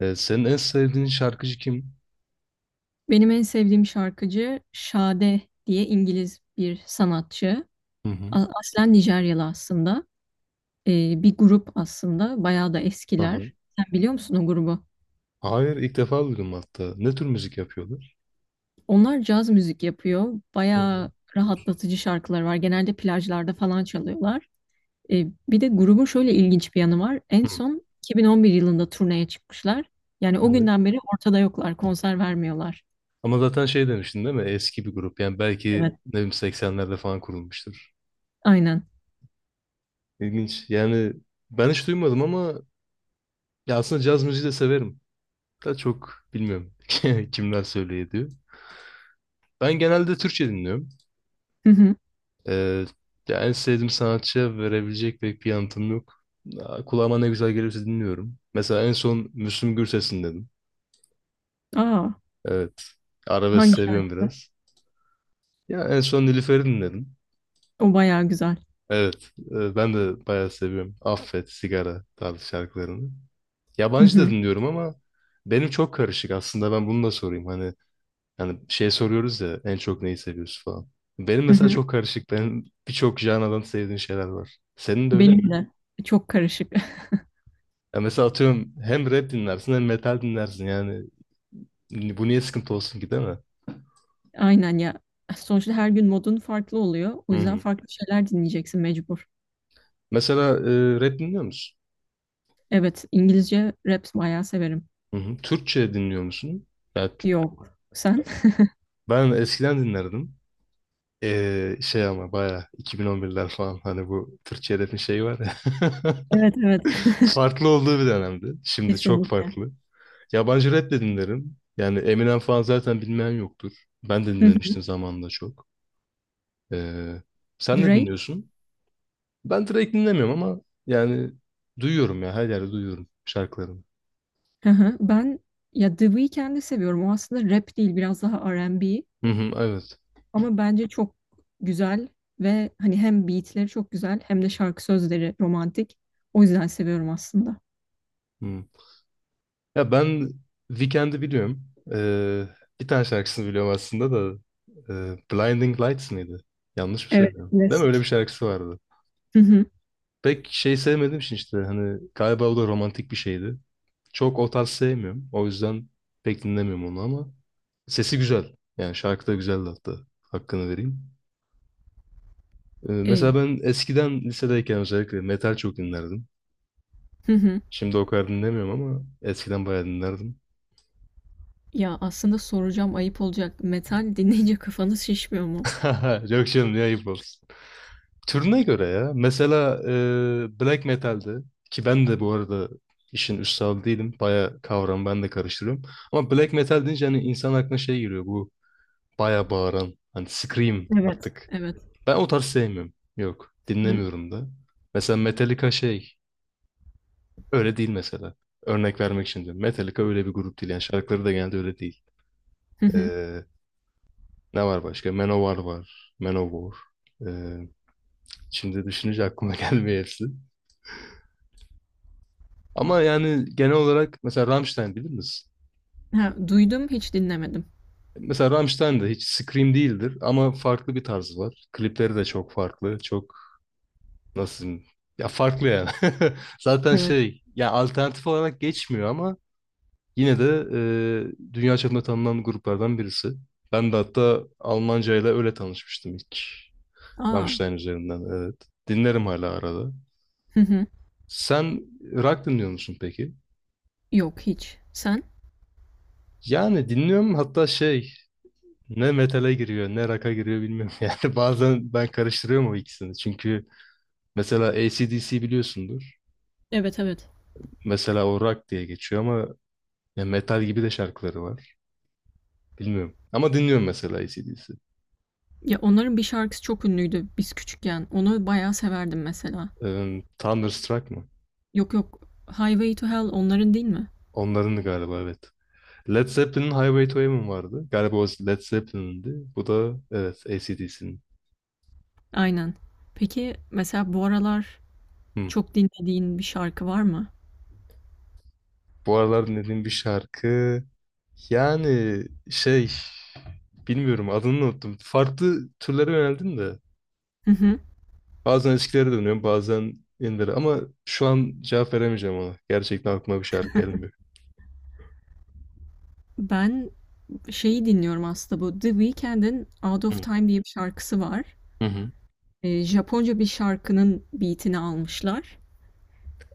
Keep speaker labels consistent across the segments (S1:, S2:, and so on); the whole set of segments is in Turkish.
S1: Senin en sevdiğin şarkıcı kim?
S2: Benim en sevdiğim şarkıcı Sade diye İngiliz bir sanatçı.
S1: Hı hı.
S2: Aslen Nijeryalı aslında. Bir grup aslında. Bayağı da
S1: Aha.
S2: eskiler. Sen biliyor musun o grubu?
S1: Hayır, ilk defa duydum hatta. Ne tür müzik yapıyorlar?
S2: Onlar caz müzik yapıyor.
S1: Hı
S2: Bayağı
S1: hı.
S2: rahatlatıcı şarkılar var. Genelde plajlarda falan çalıyorlar. Bir de grubun şöyle ilginç bir yanı var. En
S1: Hı.
S2: son 2011 yılında turneye çıkmışlar. Yani o
S1: Evet.
S2: günden beri ortada yoklar. Konser vermiyorlar.
S1: Ama zaten şey demiştin değil mi? Eski bir grup. Yani belki
S2: Evet.
S1: ne bileyim 80'lerde falan kurulmuştur.
S2: Aynen.
S1: İlginç. Yani ben hiç duymadım ama ya aslında caz müziği de severim. Da çok bilmiyorum kimler söylüyor ediyor. Ben genelde Türkçe dinliyorum.
S2: Hı hı.
S1: Ee, ya en sevdiğim sanatçıya verebilecek pek bir yanıtım yok. Kulağıma ne güzel gelirse dinliyorum. Mesela en son Müslüm Gürses'in dedim.
S2: Aa,
S1: Evet. Arabesk
S2: hangi
S1: seviyorum
S2: şarkı?
S1: biraz. Ya en son Nilüfer'i dinledim.
S2: O bayağı güzel.
S1: Evet. Ben de bayağı seviyorum. Affet, Sigara tarzı şarkılarını.
S2: Hı
S1: Yabancı da
S2: hı.
S1: dinliyorum ama benim çok karışık. Aslında ben bunu da sorayım. Hani şey soruyoruz ya en çok neyi seviyorsun falan. Benim
S2: Hı
S1: mesela
S2: hı.
S1: çok karışık. Benim birçok janradan sevdiğim şeyler var. Senin de öyle mi?
S2: Benim de çok karışık.
S1: Ya mesela atıyorum hem rap dinlersin hem metal dinlersin. Yani bu niye sıkıntı olsun ki değil mi?
S2: Aynen ya. Sonuçta her gün modun farklı oluyor. O
S1: Hı
S2: yüzden
S1: hı.
S2: farklı şeyler dinleyeceksin mecbur.
S1: Mesela rap dinliyor musun?
S2: Evet, İngilizce rap bayağı severim.
S1: Hı hı. Türkçe dinliyor musun? Ya,
S2: Yok. Sen?
S1: ben eskiden dinlerdim. Şey ama baya 2011'ler falan hani bu Türkçe rap'in şeyi var ya.
S2: Evet, evet.
S1: Farklı olduğu bir dönemdi. Şimdi çok
S2: Kesinlikle.
S1: farklı. Yabancı rap de dinlerim. Yani Eminem falan zaten bilmeyen yoktur. Ben de
S2: Hı hı.
S1: dinlemiştim zamanında çok. Ee, sen ne
S2: Drake.
S1: dinliyorsun? Ben direkt dinlemiyorum ama yani duyuyorum ya her yerde duyuyorum şarkılarını.
S2: Hı hı. Ben ya The Weeknd'i seviyorum. O aslında rap değil, biraz daha R&B.
S1: Hı hı, evet.
S2: Ama bence çok güzel ve hani hem beatleri çok güzel hem de şarkı sözleri romantik. O yüzden seviyorum aslında.
S1: Hı. Ya ben Weekend'i biliyorum. Ee, bir tane şarkısını biliyorum aslında da. Blinding Lights mıydı? Yanlış mı
S2: Evet,
S1: söylüyorum? Değil mi? Öyle bir
S2: klasik.
S1: şarkısı vardı.
S2: Hı hı.
S1: Pek şey sevmediğim için işte hani galiba o da romantik bir şeydi. Çok o tarz sevmiyorum. O yüzden pek dinlemiyorum onu ama sesi güzel. Yani şarkı da güzeldi hatta. Hakkını vereyim. Mesela
S2: E,
S1: ben eskiden lisedeyken özellikle metal çok dinlerdim.
S2: hı hı.
S1: Şimdi o kadar dinlemiyorum ama eskiden bayağı dinlerdim.
S2: Ya, aslında soracağım, ayıp olacak. Metal dinleyince kafanız şişmiyor mu?
S1: Yok canım ne ayıp olsun. Türüne göre ya. Mesela black metal'de ki ben de bu arada işin üstadı değilim. Baya kavramı ben de karıştırıyorum. Ama black metal deyince hani insan aklına şey giriyor bu baya bağıran hani scream
S2: Evet.
S1: artık.
S2: Evet.
S1: Ben o tarz sevmiyorum. Yok
S2: Hı.
S1: dinlemiyorum da. Mesela Metallica şey öyle değil mesela. Örnek vermek için diyorum. Metallica öyle bir grup değil. Yani şarkıları da genelde öyle değil.
S2: Hı hı.
S1: E, Ne var başka? Manowar var. Manowar. E, Şimdi düşününce aklıma gelmiyor hepsi. Ama yani genel olarak mesela Rammstein bilir misin?
S2: Ha, duydum, hiç dinlemedim.
S1: Mesela Rammstein de hiç Scream değildir ama farklı bir tarzı var. Klipleri de çok farklı. Çok nasıl diyeyim? Ya farklı yani. Zaten
S2: Evet.
S1: şey ya alternatif olarak geçmiyor ama yine de dünya çapında tanınan gruplardan birisi. Ben de hatta Almanca ile öyle tanışmıştım ilk.
S2: Aa.
S1: Rammstein üzerinden evet. Dinlerim hala arada.
S2: Hı hı.
S1: Sen rock dinliyor musun peki?
S2: Yok, hiç. Sen?
S1: Yani dinliyorum hatta şey ne metale giriyor ne rock'a giriyor bilmiyorum. Yani bazen ben karıştırıyorum o ikisini. Çünkü mesela AC/DC biliyorsundur.
S2: Evet, evet.
S1: Mesela o rock diye geçiyor ama ya metal gibi de şarkıları var. Bilmiyorum. Ama dinliyorum mesela AC/DC.
S2: Ya, onların bir şarkısı çok ünlüydü biz küçükken. Onu bayağı severdim mesela.
S1: Thunderstruck mı?
S2: Yok, yok. Highway to Hell onların değil mi?
S1: Onların galiba evet. Led Zeppelin'in Highway to Heaven vardı. Galiba o Led Zeppelin'di. Bu da evet AC/DC'nin.
S2: Aynen. Peki, mesela bu aralar
S1: Hmm.
S2: çok dinlediğin bir şarkı var mı?
S1: Bu aralar dinlediğim bir şarkı yani şey bilmiyorum adını unuttum. Farklı türlere yöneldim de.
S2: Hı hı.
S1: Bazen eskilere dönüyorum, bazen yenilere ama şu an cevap veremeyeceğim ona. Gerçekten aklıma bir şarkı gelmiyor.
S2: Ben şeyi dinliyorum aslında bu The Weeknd'in Out of
S1: Hı
S2: Time diye bir şarkısı var.
S1: hı. Hı.
S2: Japonca bir şarkının beat'ini almışlar.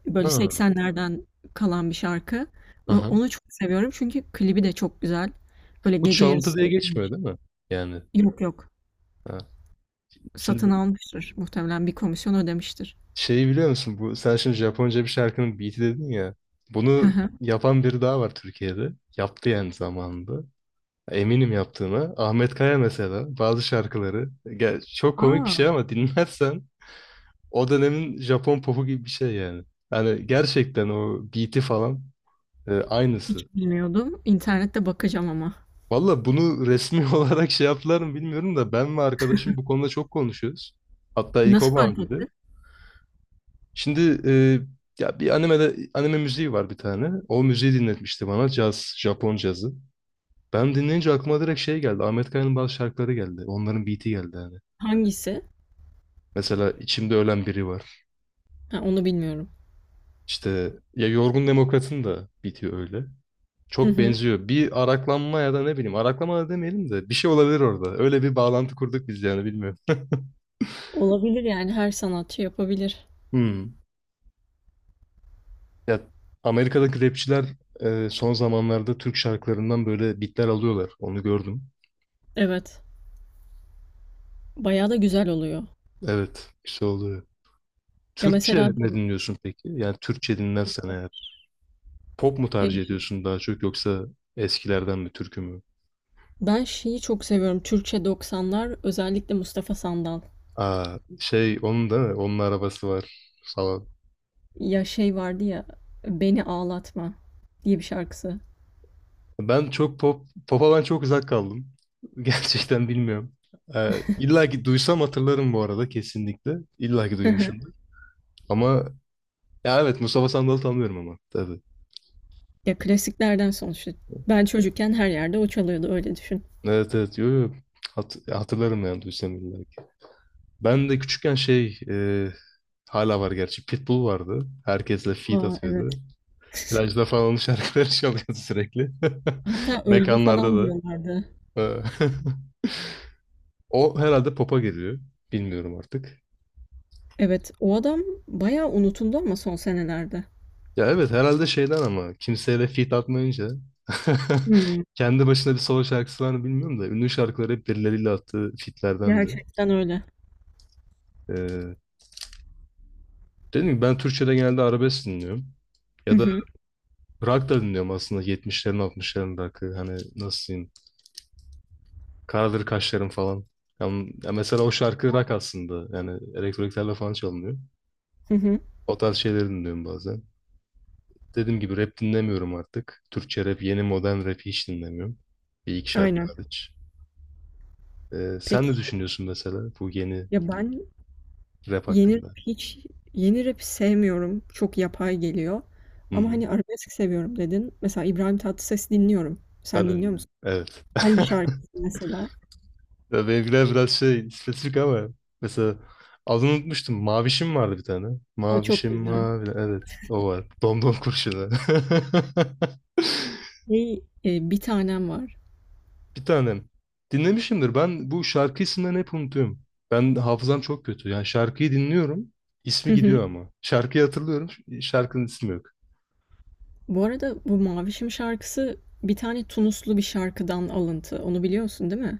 S2: Böyle
S1: Ha,
S2: 80'lerden kalan bir şarkı.
S1: aha.
S2: Onu çok seviyorum çünkü klibi de çok güzel. Böyle
S1: Bu
S2: gece
S1: çalıntı
S2: yarısı
S1: diye geçmiyor
S2: çekilmiş.
S1: değil mi? Yani.
S2: Yok, yok.
S1: Ha. Şimdi
S2: Satın
S1: bu-
S2: almıştır. Muhtemelen bir komisyon ödemiştir.
S1: Şeyi biliyor musun? Bu, sen şimdi Japonca bir şarkının beat'i dedin ya.
S2: Hı
S1: Bunu
S2: hı.
S1: yapan biri daha var Türkiye'de. Yaptı yani zamanında. Eminim yaptığına. Ahmet Kaya mesela bazı şarkıları. Gel, çok komik bir
S2: A!
S1: şey ama dinlersen o dönemin Japon popu gibi bir şey yani. Yani gerçekten o beat'i falan aynısı.
S2: Hiç bilmiyordum. İnternette bakacağım ama.
S1: Valla bunu resmi olarak şey yaptılar mı bilmiyorum da ben ve arkadaşım bu konuda çok konuşuyoruz. Hatta ilk o
S2: Nasıl
S1: bana
S2: fark
S1: dedi.
S2: ettin?
S1: Şimdi ya bir animede anime müziği var bir tane. O müziği dinletmişti bana. Caz, Japon cazı. Ben dinleyince aklıma direkt şey geldi. Ahmet Kaya'nın bazı şarkıları geldi. Onların beat'i geldi hani.
S2: Hangisi?
S1: Mesela içimde ölen biri var.
S2: Ha, onu bilmiyorum.
S1: İşte ya Yorgun Demokrat'ın da beat'i öyle.
S2: Hı
S1: Çok
S2: hı.
S1: benziyor. Bir araklanma ya da ne bileyim araklama da demeyelim de bir şey olabilir orada. Öyle bir bağlantı kurduk biz yani bilmiyorum.
S2: Olabilir yani her sanatçı yapabilir.
S1: Hmm. Ya Amerika'daki rapçiler son zamanlarda Türk şarkılarından böyle bitler alıyorlar. Onu gördüm.
S2: Evet. Bayağı da güzel oluyor.
S1: Evet, güzel oluyor.
S2: Ya mesela
S1: Türkçe ne dinliyorsun peki? Yani Türkçe dinlersen eğer pop mu tercih ediyorsun daha çok yoksa eskilerden mi türkü mü?
S2: ben şeyi çok seviyorum. Türkçe doksanlar, özellikle Mustafa Sandal.
S1: Şey onun da onun arabası var falan.
S2: Ya şey vardı ya Beni Ağlatma diye bir şarkısı.
S1: Ben çok pop pop'a ben çok uzak kaldım. Gerçekten bilmiyorum. İlla ki duysam hatırlarım bu arada kesinlikle. İlla ki duymuşumdur. Ama ya evet Mustafa Sandal'ı tanıyorum ama tabii.
S2: Ya klasiklerden sonuçta. Ben çocukken her yerde o çalıyordu öyle düşün.
S1: Evet evet yo, yo. Hatırlarım yani duysam illa ki. Ben de küçükken hala var gerçi Pitbull vardı. Herkesle feat
S2: Aa
S1: atıyordu.
S2: evet.
S1: Plajda falan onun şarkıları çalıyordu sürekli.
S2: Hatta öldü
S1: Mekanlarda
S2: falan
S1: da.
S2: diyorlardı.
S1: E, O herhalde pop'a geliyor. Bilmiyorum artık.
S2: Evet o adam bayağı unutuldu ama son senelerde.
S1: Ya evet herhalde şeyden ama kimseyle feat atmayınca
S2: Hmm,
S1: kendi başına bir solo şarkısı var mı bilmiyorum da ünlü şarkıları hep birileriyle attığı featlerdendi.
S2: gerçekten öyle.
S1: E, Dedim ki ben Türkçe'de genelde arabesk dinliyorum.
S2: Hı
S1: Ya da
S2: hı,
S1: rock da dinliyorum aslında 70'lerin 60'ların rock'ı hani nasıl diyeyim Karadır Kaşlarım falan. Yani, ya mesela o şarkı rock aslında yani elektroniklerle falan çalınıyor.
S2: hı hı,
S1: O tarz şeyleri dinliyorum bazen. Dediğim gibi rap dinlemiyorum artık. Türkçe rap, yeni modern rap hiç dinlemiyorum. Bir iki şarkı
S2: aynen.
S1: hariç. Sen
S2: Peki
S1: ne düşünüyorsun mesela bu yeni
S2: ya ben
S1: rap
S2: Yeni
S1: hakkında?
S2: rap hiç yeni rap'i sevmiyorum. Çok yapay geliyor.
S1: Hı
S2: Ama,
S1: hı.
S2: hani, arabesk seviyorum dedin. Mesela İbrahim Tatlıses dinliyorum.
S1: Ben
S2: Sen
S1: de
S2: dinliyor
S1: dinliyorum.
S2: musun?
S1: Evet.
S2: Hangi şarkısı mesela?
S1: Ya benimkiler biraz şey spesifik ama mesela adını unutmuştum. Mavişim vardı bir tane.
S2: O çok
S1: Mavişim
S2: güzel.
S1: mavi. Evet o var. Domdom kurşunu.
S2: Şey, Bir Tanem var.
S1: Bir tanem. Dinlemişimdir. Ben bu şarkı isimlerini hep unutuyorum. Ben hafızam çok kötü. Yani şarkıyı dinliyorum.
S2: Hı
S1: İsmi
S2: hı.
S1: gidiyor ama. Şarkıyı hatırlıyorum. Şarkının ismi yok.
S2: Bu arada bu Mavişim şarkısı bir tane Tunuslu bir şarkıdan alıntı. Onu biliyorsun değil mi?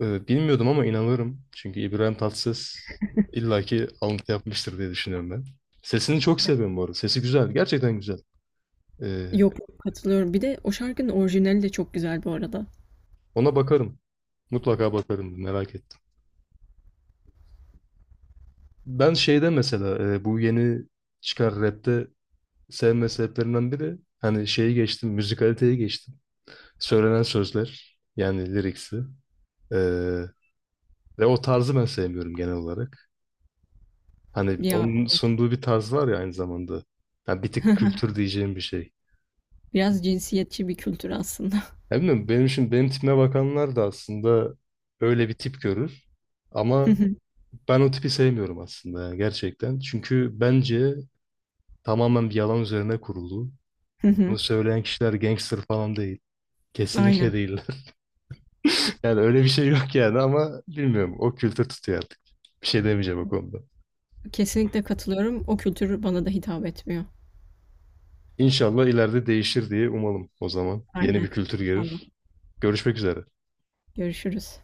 S1: Bilmiyordum ama inanırım. Çünkü İbrahim Tatlıses illaki alıntı yapmıştır diye düşünüyorum ben. Sesini çok
S2: Ya.
S1: seviyorum bu arada. Sesi güzel. Gerçekten güzel. Ee,
S2: Yok, yok, katılıyorum. Bir de o şarkının orijinali de çok güzel bu arada.
S1: Ona bakarım. Mutlaka bakarım. Merak ettim. Ben mesela bu yeni çıkan rapte sevme sebeplerinden biri hani şeyi geçtim, müzikaliteye geçtim. Söylenen sözler yani liriksi. E, ve o tarzı ben sevmiyorum genel olarak. Hani
S2: Ya
S1: onun sunduğu bir tarz var ya aynı zamanda. Yani bir tık kültür diyeceğim bir şey.
S2: biraz cinsiyetçi bir kültür aslında.
S1: Ya bilmiyorum, benim için benim tipime bakanlar da aslında öyle bir tip görür.
S2: Hı
S1: Ama
S2: hı.
S1: ben o tipi sevmiyorum aslında yani gerçekten. Çünkü bence tamamen bir yalan üzerine kurulu.
S2: Hı hı.
S1: Bunu söyleyen kişiler gangster falan değil. Kesinlikle
S2: Aynen.
S1: değiller. Yani öyle bir şey yok yani ama bilmiyorum. O kültür tutuyor artık. Bir şey demeyeceğim o konuda.
S2: Kesinlikle katılıyorum. O kültür bana da hitap etmiyor.
S1: İnşallah ileride değişir diye umalım o zaman. Yeni bir
S2: Aynen.
S1: kültür
S2: İnşallah.
S1: gelir. Görüşmek üzere.
S2: Görüşürüz.